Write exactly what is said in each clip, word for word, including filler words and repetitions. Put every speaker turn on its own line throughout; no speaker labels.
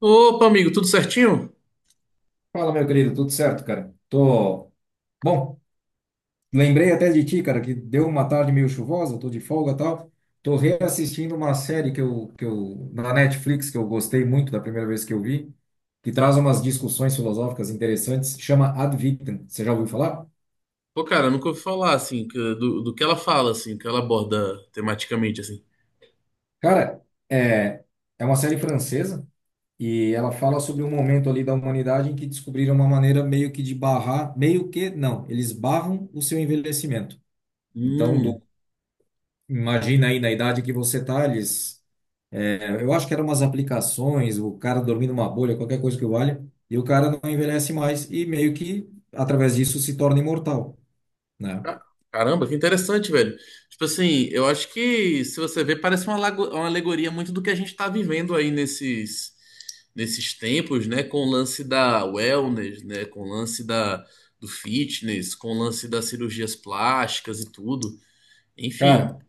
Opa, amigo, tudo certinho?
Fala, meu querido, tudo certo, cara? Tô. Bom, lembrei até de ti, cara, que deu uma tarde meio chuvosa, tô de folga e tal. Tô reassistindo uma série que eu, que eu, na Netflix, que eu gostei muito da primeira vez que eu vi, que traz umas discussões filosóficas interessantes, chama Ad Vitam. Você já ouviu falar?
Pô, cara, nunca ouvi falar, assim, que- do, do que ela fala, assim, que ela aborda tematicamente, assim.
Cara, é, é uma série francesa e ela fala sobre um momento ali da humanidade em que descobriram uma maneira meio que de barrar, meio que, não, eles barram o seu envelhecimento. Então,
Hum,
imagina aí na idade que você tá, eles. é, Eu acho que eram umas aplicações, o cara dormindo numa bolha, qualquer coisa que valha, e o cara não envelhece mais e meio que através disso se torna imortal, né?
ca- caramba, que interessante, velho. Tipo assim, eu acho que, se você ver, parece uma, lago- uma alegoria muito do que a gente tá vivendo aí nesses, nesses tempos, né? Com o lance da wellness, né? Com o lance da, do fitness, com o lance das cirurgias plásticas e tudo. Enfim,
Cara,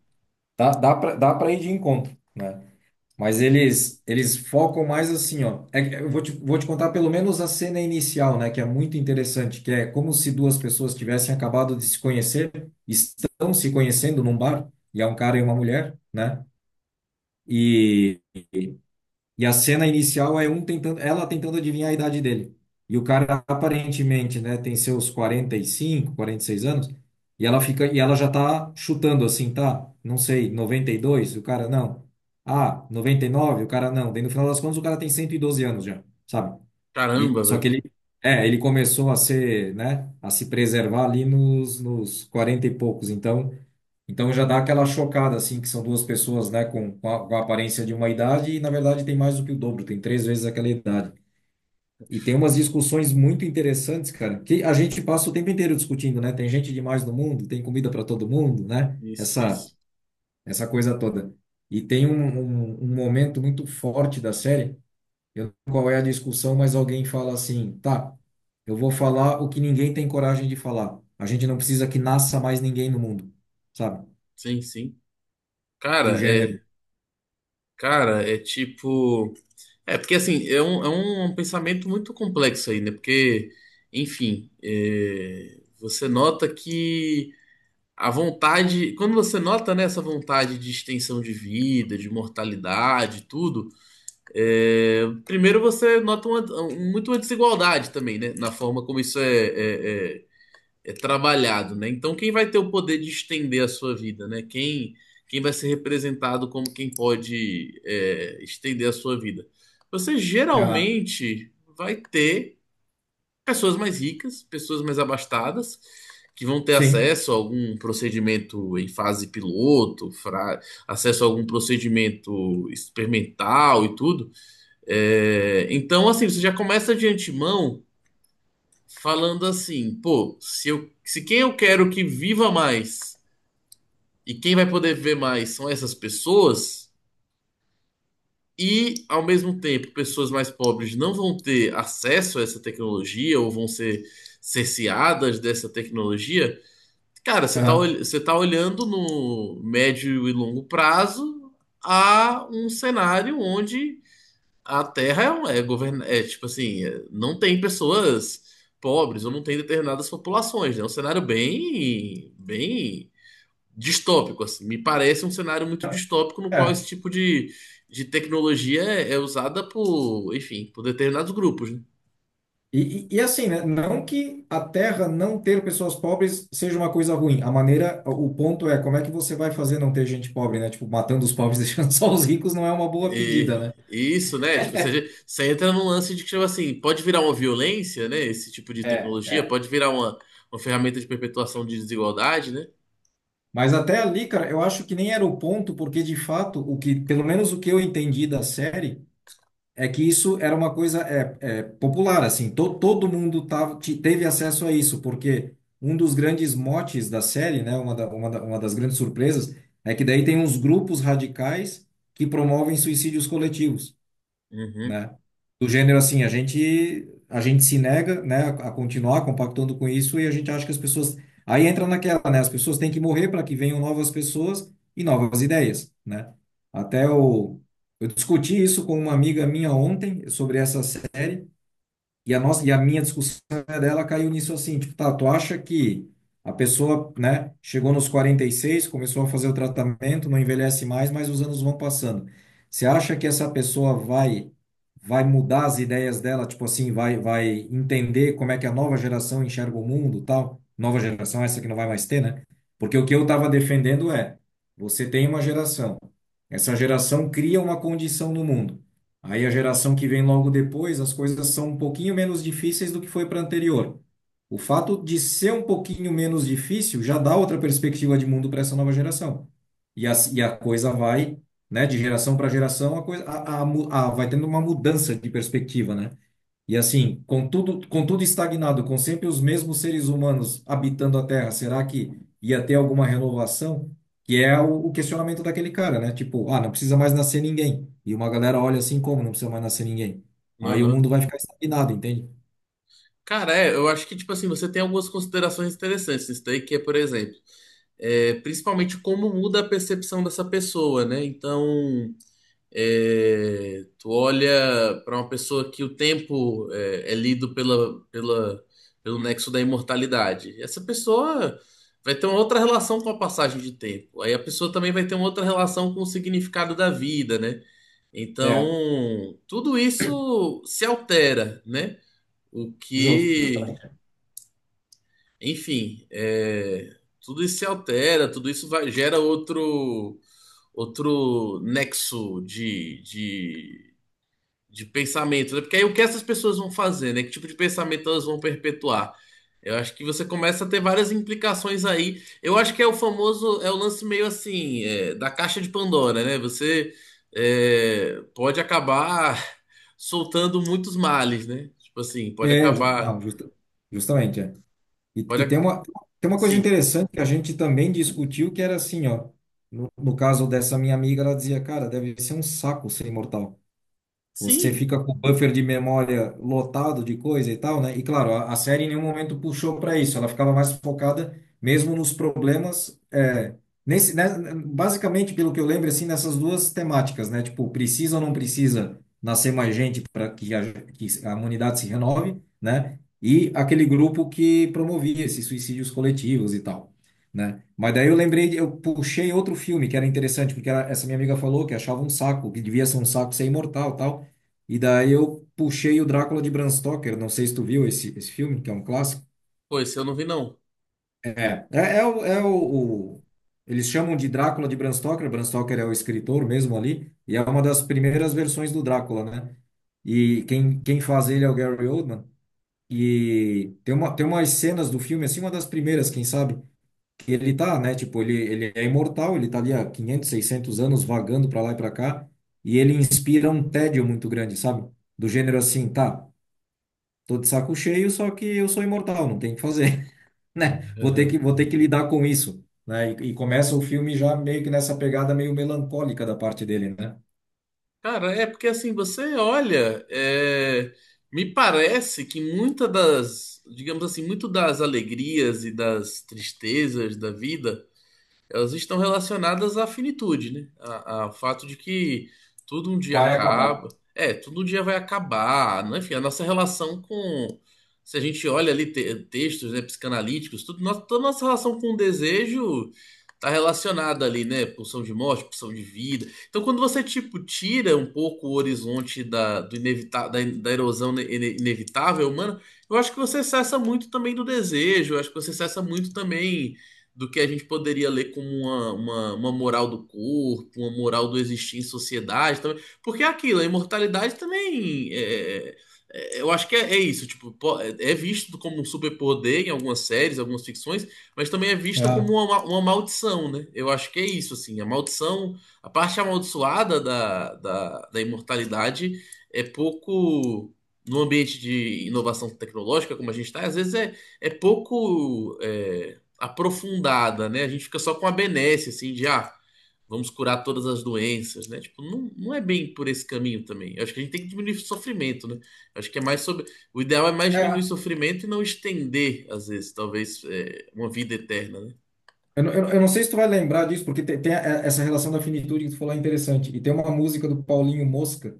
dá, dá pra, dá pra ir de encontro, né? Mas eles, eles focam mais assim, ó. É que- eu vou te, vou te contar pelo menos a cena inicial, né? Que é muito interessante, que é como se duas pessoas tivessem acabado de se conhecer, estão se conhecendo num bar, e é um cara e uma mulher, né? E E a cena inicial é um tentando, ela tentando adivinhar a idade dele. E o cara aparentemente, né, tem seus quarenta quarenta e cinco quarenta e seis anos, e ela fica e ela já tá chutando assim, tá? Não sei, noventa e dois o cara não. Ah, noventa e nove o cara não. Daí no final das contas o cara tem cento e doze anos já, sabe? E
caramba,
só que
velho.
ele é, ele começou a ser, né, a se preservar ali nos nos quarenta e poucos. Então, então já dá aquela chocada, assim, que são duas pessoas, né, com, com a, com a aparência de uma idade e, na verdade, tem mais do que o dobro, tem três vezes aquela idade. E tem umas discussões muito interessantes, cara, que a gente passa o tempo inteiro discutindo, né? Tem gente demais no mundo, tem comida para todo mundo, né?
Isso,
Essa,
isso.
essa coisa toda. E tem um, um, um momento muito forte da série, eu não sei qual é a discussão, mas alguém fala assim, tá, eu vou falar o que ninguém tem coragem de falar. A gente não precisa que nasça mais ninguém no mundo, sabe?
Sim, sim.
Do
Cara,
gênero.
é. Cara, é tipo. É, porque assim, é um, é um pensamento muito complexo aí, né? Porque, enfim, é, você nota que a vontade. Quando você nota, né, essa vontade de extensão de vida, de mortalidade, tudo, é, primeiro você nota uma- muito uma desigualdade também, né? Na forma como isso é, é é é trabalhado, né? Então, quem vai ter o poder de estender a sua vida, né? Quem, quem vai ser representado como quem pode é, estender a sua vida? Você geralmente vai ter pessoas mais ricas, pessoas mais abastadas, que vão ter
Sim.
acesso a algum procedimento em fase piloto, fra- acesso a algum procedimento experimental e tudo. É, então, assim, você já começa de antemão falando assim, pô, se eu, se quem eu quero que viva mais e quem vai poder ver mais são essas pessoas, e ao mesmo tempo pessoas mais pobres não vão ter acesso a essa tecnologia ou vão ser cerceadas dessa tecnologia, cara, você tá,
Aham.
ol- você tá olhando no médio e longo prazo a um cenário onde a Terra é, um- é, govern... é tipo assim, é, não tem pessoas pobres ou não tem determinadas populações, né? É um cenário bem, bem distópico, assim. Me parece um cenário muito distópico no qual
É.
esse tipo de, de tecnologia é, é usada por, enfim, por determinados grupos, né?
E, e, e assim, né? Não que a Terra não ter pessoas pobres seja uma coisa ruim. A maneira, o ponto é como é que você vai fazer não ter gente pobre, né? Tipo, matando os pobres, deixando só os ricos não é uma boa pedida, né?
E isso, né? Tipo, você, você entra num lance de que, tipo assim, pode virar uma violência, né? Esse tipo de
É,
tecnologia
é.
pode virar uma, uma ferramenta de perpetuação de desigualdade, né?
Mas até ali, cara, eu acho que nem era o ponto, porque de fato, o que, pelo menos o que eu entendi da série, é que isso era uma coisa é, é, popular, assim, to, todo mundo tava, te- teve acesso a isso, porque um dos grandes motes da série, né, uma, da, uma, da- uma das grandes surpresas, é que daí tem uns grupos radicais que promovem suicídios coletivos,
Uhum,
né? Do gênero assim, a gente a gente se nega, né, a continuar compactando com isso e a gente acha que as pessoas aí entra naquela, né, as pessoas têm que morrer para que venham novas pessoas e novas ideias, né? Até eu eu discuti isso com uma amiga minha ontem sobre essa e a nossa, e a minha discussão é dela caiu nisso assim, tipo, tá, tu acha que a pessoa, né, chegou nos quarenta e seis começou a fazer o tratamento, não envelhece mais, mas os anos vão passando. Você acha que essa pessoa vai vai mudar as ideias dela, tipo assim, vai vai entender como é que a nova geração enxerga o mundo, tal? Nova geração essa que não vai mais ter, né? Porque o que eu estava defendendo é, você tem uma geração. Essa geração cria uma condição no mundo. Aí a geração que vem logo depois, as coisas são um pouquinho menos difíceis do que foi para a anterior. O fato de ser um pouquinho menos difícil já dá outra perspectiva de mundo para essa nova geração. E a, e a coisa vai, né, de geração para geração, a coisa a, a, mu- a- vai tendo uma mudança de perspectiva, né? E assim, com tudo, com tudo estagnado, com sempre os mesmos seres humanos habitando a Terra, será que ia ter alguma renovação? Que é o, o questionamento daquele cara, né? Tipo, ah, não precisa mais nascer ninguém. E uma galera olha assim, como não precisa mais nascer ninguém? Aí o
uhum.
mundo vai ficar estagnado, entende?
Cara, é, eu acho que, tipo assim, você tem algumas considerações interessantes nisso daí, que é, por exemplo, é, principalmente como muda a percepção dessa pessoa, né? Então, é, tu olha para uma pessoa que o tempo é, é lido pela, pela, pelo nexo da imortalidade. Essa pessoa vai ter uma outra relação com a passagem de tempo. Aí a pessoa também vai ter uma outra relação com o significado da vida, né?
É,
Então, tudo isso se altera, né? O
justo,
que
justamente.
enfim, é, tudo isso se altera, tudo isso vai, gera outro outro nexo de, de, de pensamento, né? Porque aí o que essas pessoas vão fazer, né? Que tipo de pensamento elas vão perpetuar? Eu acho que você começa a ter várias implicações aí. Eu acho que é o famoso, é o lance meio assim, é, da caixa de Pandora, né? Você é, pode acabar soltando muitos males, né? Tipo assim, pode
É, ju-
acabar,
não, justa- justamente, é. E,
pode,
e tem
ac-
uma, tem uma coisa
sim,
interessante que a gente também discutiu, que era assim, ó. No, no caso dessa minha amiga, ela dizia, cara, deve ser um saco ser imortal. Você
sim.
fica com o buffer de memória lotado de coisa e tal, né? E claro, a, a série em nenhum momento puxou para isso. Ela ficava mais focada mesmo nos problemas. É, nesse, né, basicamente, pelo que eu lembro, assim, nessas duas temáticas, né? Tipo, precisa ou não precisa nascer mais gente para que, a- que a humanidade se renove, né? E aquele grupo que promovia esses suicídios coletivos e tal. Né? Mas daí eu lembrei, de- eu puxei outro filme que era interessante, porque ela- essa minha amiga falou que achava um saco, que devia ser um saco ser imortal, tal. E daí eu puxei o Drácula de Bram Stoker. Não sei se tu viu esse, esse filme, que é um clássico.
Pô, esse eu não vi, não.
É, é, é, o, é o, o- Eles chamam de Drácula de Bram Stoker. Bram Stoker é o escritor mesmo ali. E é uma das primeiras versões do Drácula, né? E quem, quem faz ele é o Gary Oldman. E tem uma, tem umas cenas do filme, assim, uma das primeiras, quem sabe, que ele tá, né? Tipo, ele, ele é imortal, ele tá ali há quinhentos, seiscentos anos vagando pra lá e pra cá. E ele inspira um tédio muito grande, sabe? Do gênero assim, tá. Tô de saco cheio, só que eu sou imortal, não tem o que fazer, né? Vou ter
Uhum.
que, vou ter que lidar com isso, né? E, e começa o filme já meio que nessa pegada meio melancólica da parte dele, né?
Cara, é porque assim, você olha, é, me parece que muita das, digamos assim, muito das alegrias e das tristezas da vida. Elas estão relacionadas à finitude, né? A- a- Ao fato de que tudo um dia
Vai acabar.
acaba. É, tudo um dia vai acabar, né? Enfim, a nossa relação com. Se a gente olha ali te- textos, né, psicanalíticos, tudo, nossa, toda nossa relação com o desejo está relacionada ali, né? Pulsão de morte, pulsão de vida. Então, quando você, tipo, tira um pouco o horizonte da, do inevita da, da erosão ne- ine- inevitável humana, eu acho que você cessa muito também do desejo, eu acho que você cessa muito também do que a gente poderia ler como uma, uma, uma moral do corpo, uma moral do existir em sociedade. Também. Porque é aquilo, a imortalidade também. é- é- é, eu acho que é, é isso. Tipo, po- é é visto como um superpoder em algumas séries, algumas ficções, mas também é vista
É,
como uma, ma- uma maldição, né? Eu acho que é isso, assim. A maldição, a parte amaldiçoada da, da, da imortalidade é pouco. No ambiente de inovação tecnológica, como a gente está, às vezes é, é pouco. É, aprofundada, né? A gente fica só com a benesse, assim, de ah, vamos curar todas as doenças, né? Tipo, não, não é bem por esse caminho também. Eu acho que a gente tem que diminuir o sofrimento, né? Eu acho que é mais sobre. O ideal é mais diminuir o
é.
sofrimento e não estender, às vezes, talvez, é, uma vida eterna, né?
Eu, não- eu, não- eu não sei se tu vai lembrar disso, porque tem, tem a- é, essa relação da finitude que tu falou é interessante. E tem uma música do Paulinho Mosca,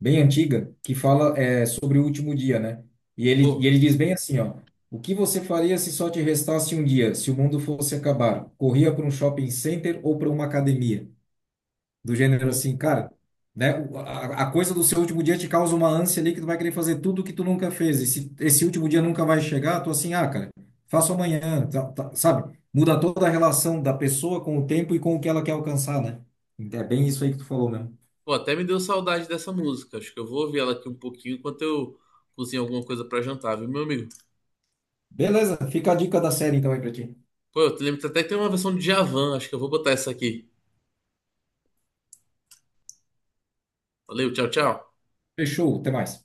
bem antiga, que fala é, sobre o último dia, né? E ele, e
Pô,
ele diz bem assim, ó. O que você faria se só te restasse um dia, se o mundo fosse acabar? Corria para um shopping center ou para uma academia? Do gênero
hum.
assim, cara, né? o- A, a coisa do seu último dia te causa uma ânsia ali que tu vai querer fazer tudo que tu nunca fez. E se esse último dia nunca vai chegar, tu assim, ah, cara, faço amanhã, tá- tá- sabe? Muda toda a relação da pessoa com o tempo e com o que ela quer alcançar, né? Então, é bem isso aí que tu falou mesmo.
Pô, até me deu saudade dessa música. Acho que eu vou ouvir ela aqui um pouquinho enquanto eu cozinho alguma coisa pra jantar, viu, meu amigo?
Beleza, fica a dica da série então aí pra ti.
Pô, eu te lembro que até que tem uma versão de Javan, acho que eu vou botar essa aqui. Valeu, tchau, tchau.
Fechou, até mais.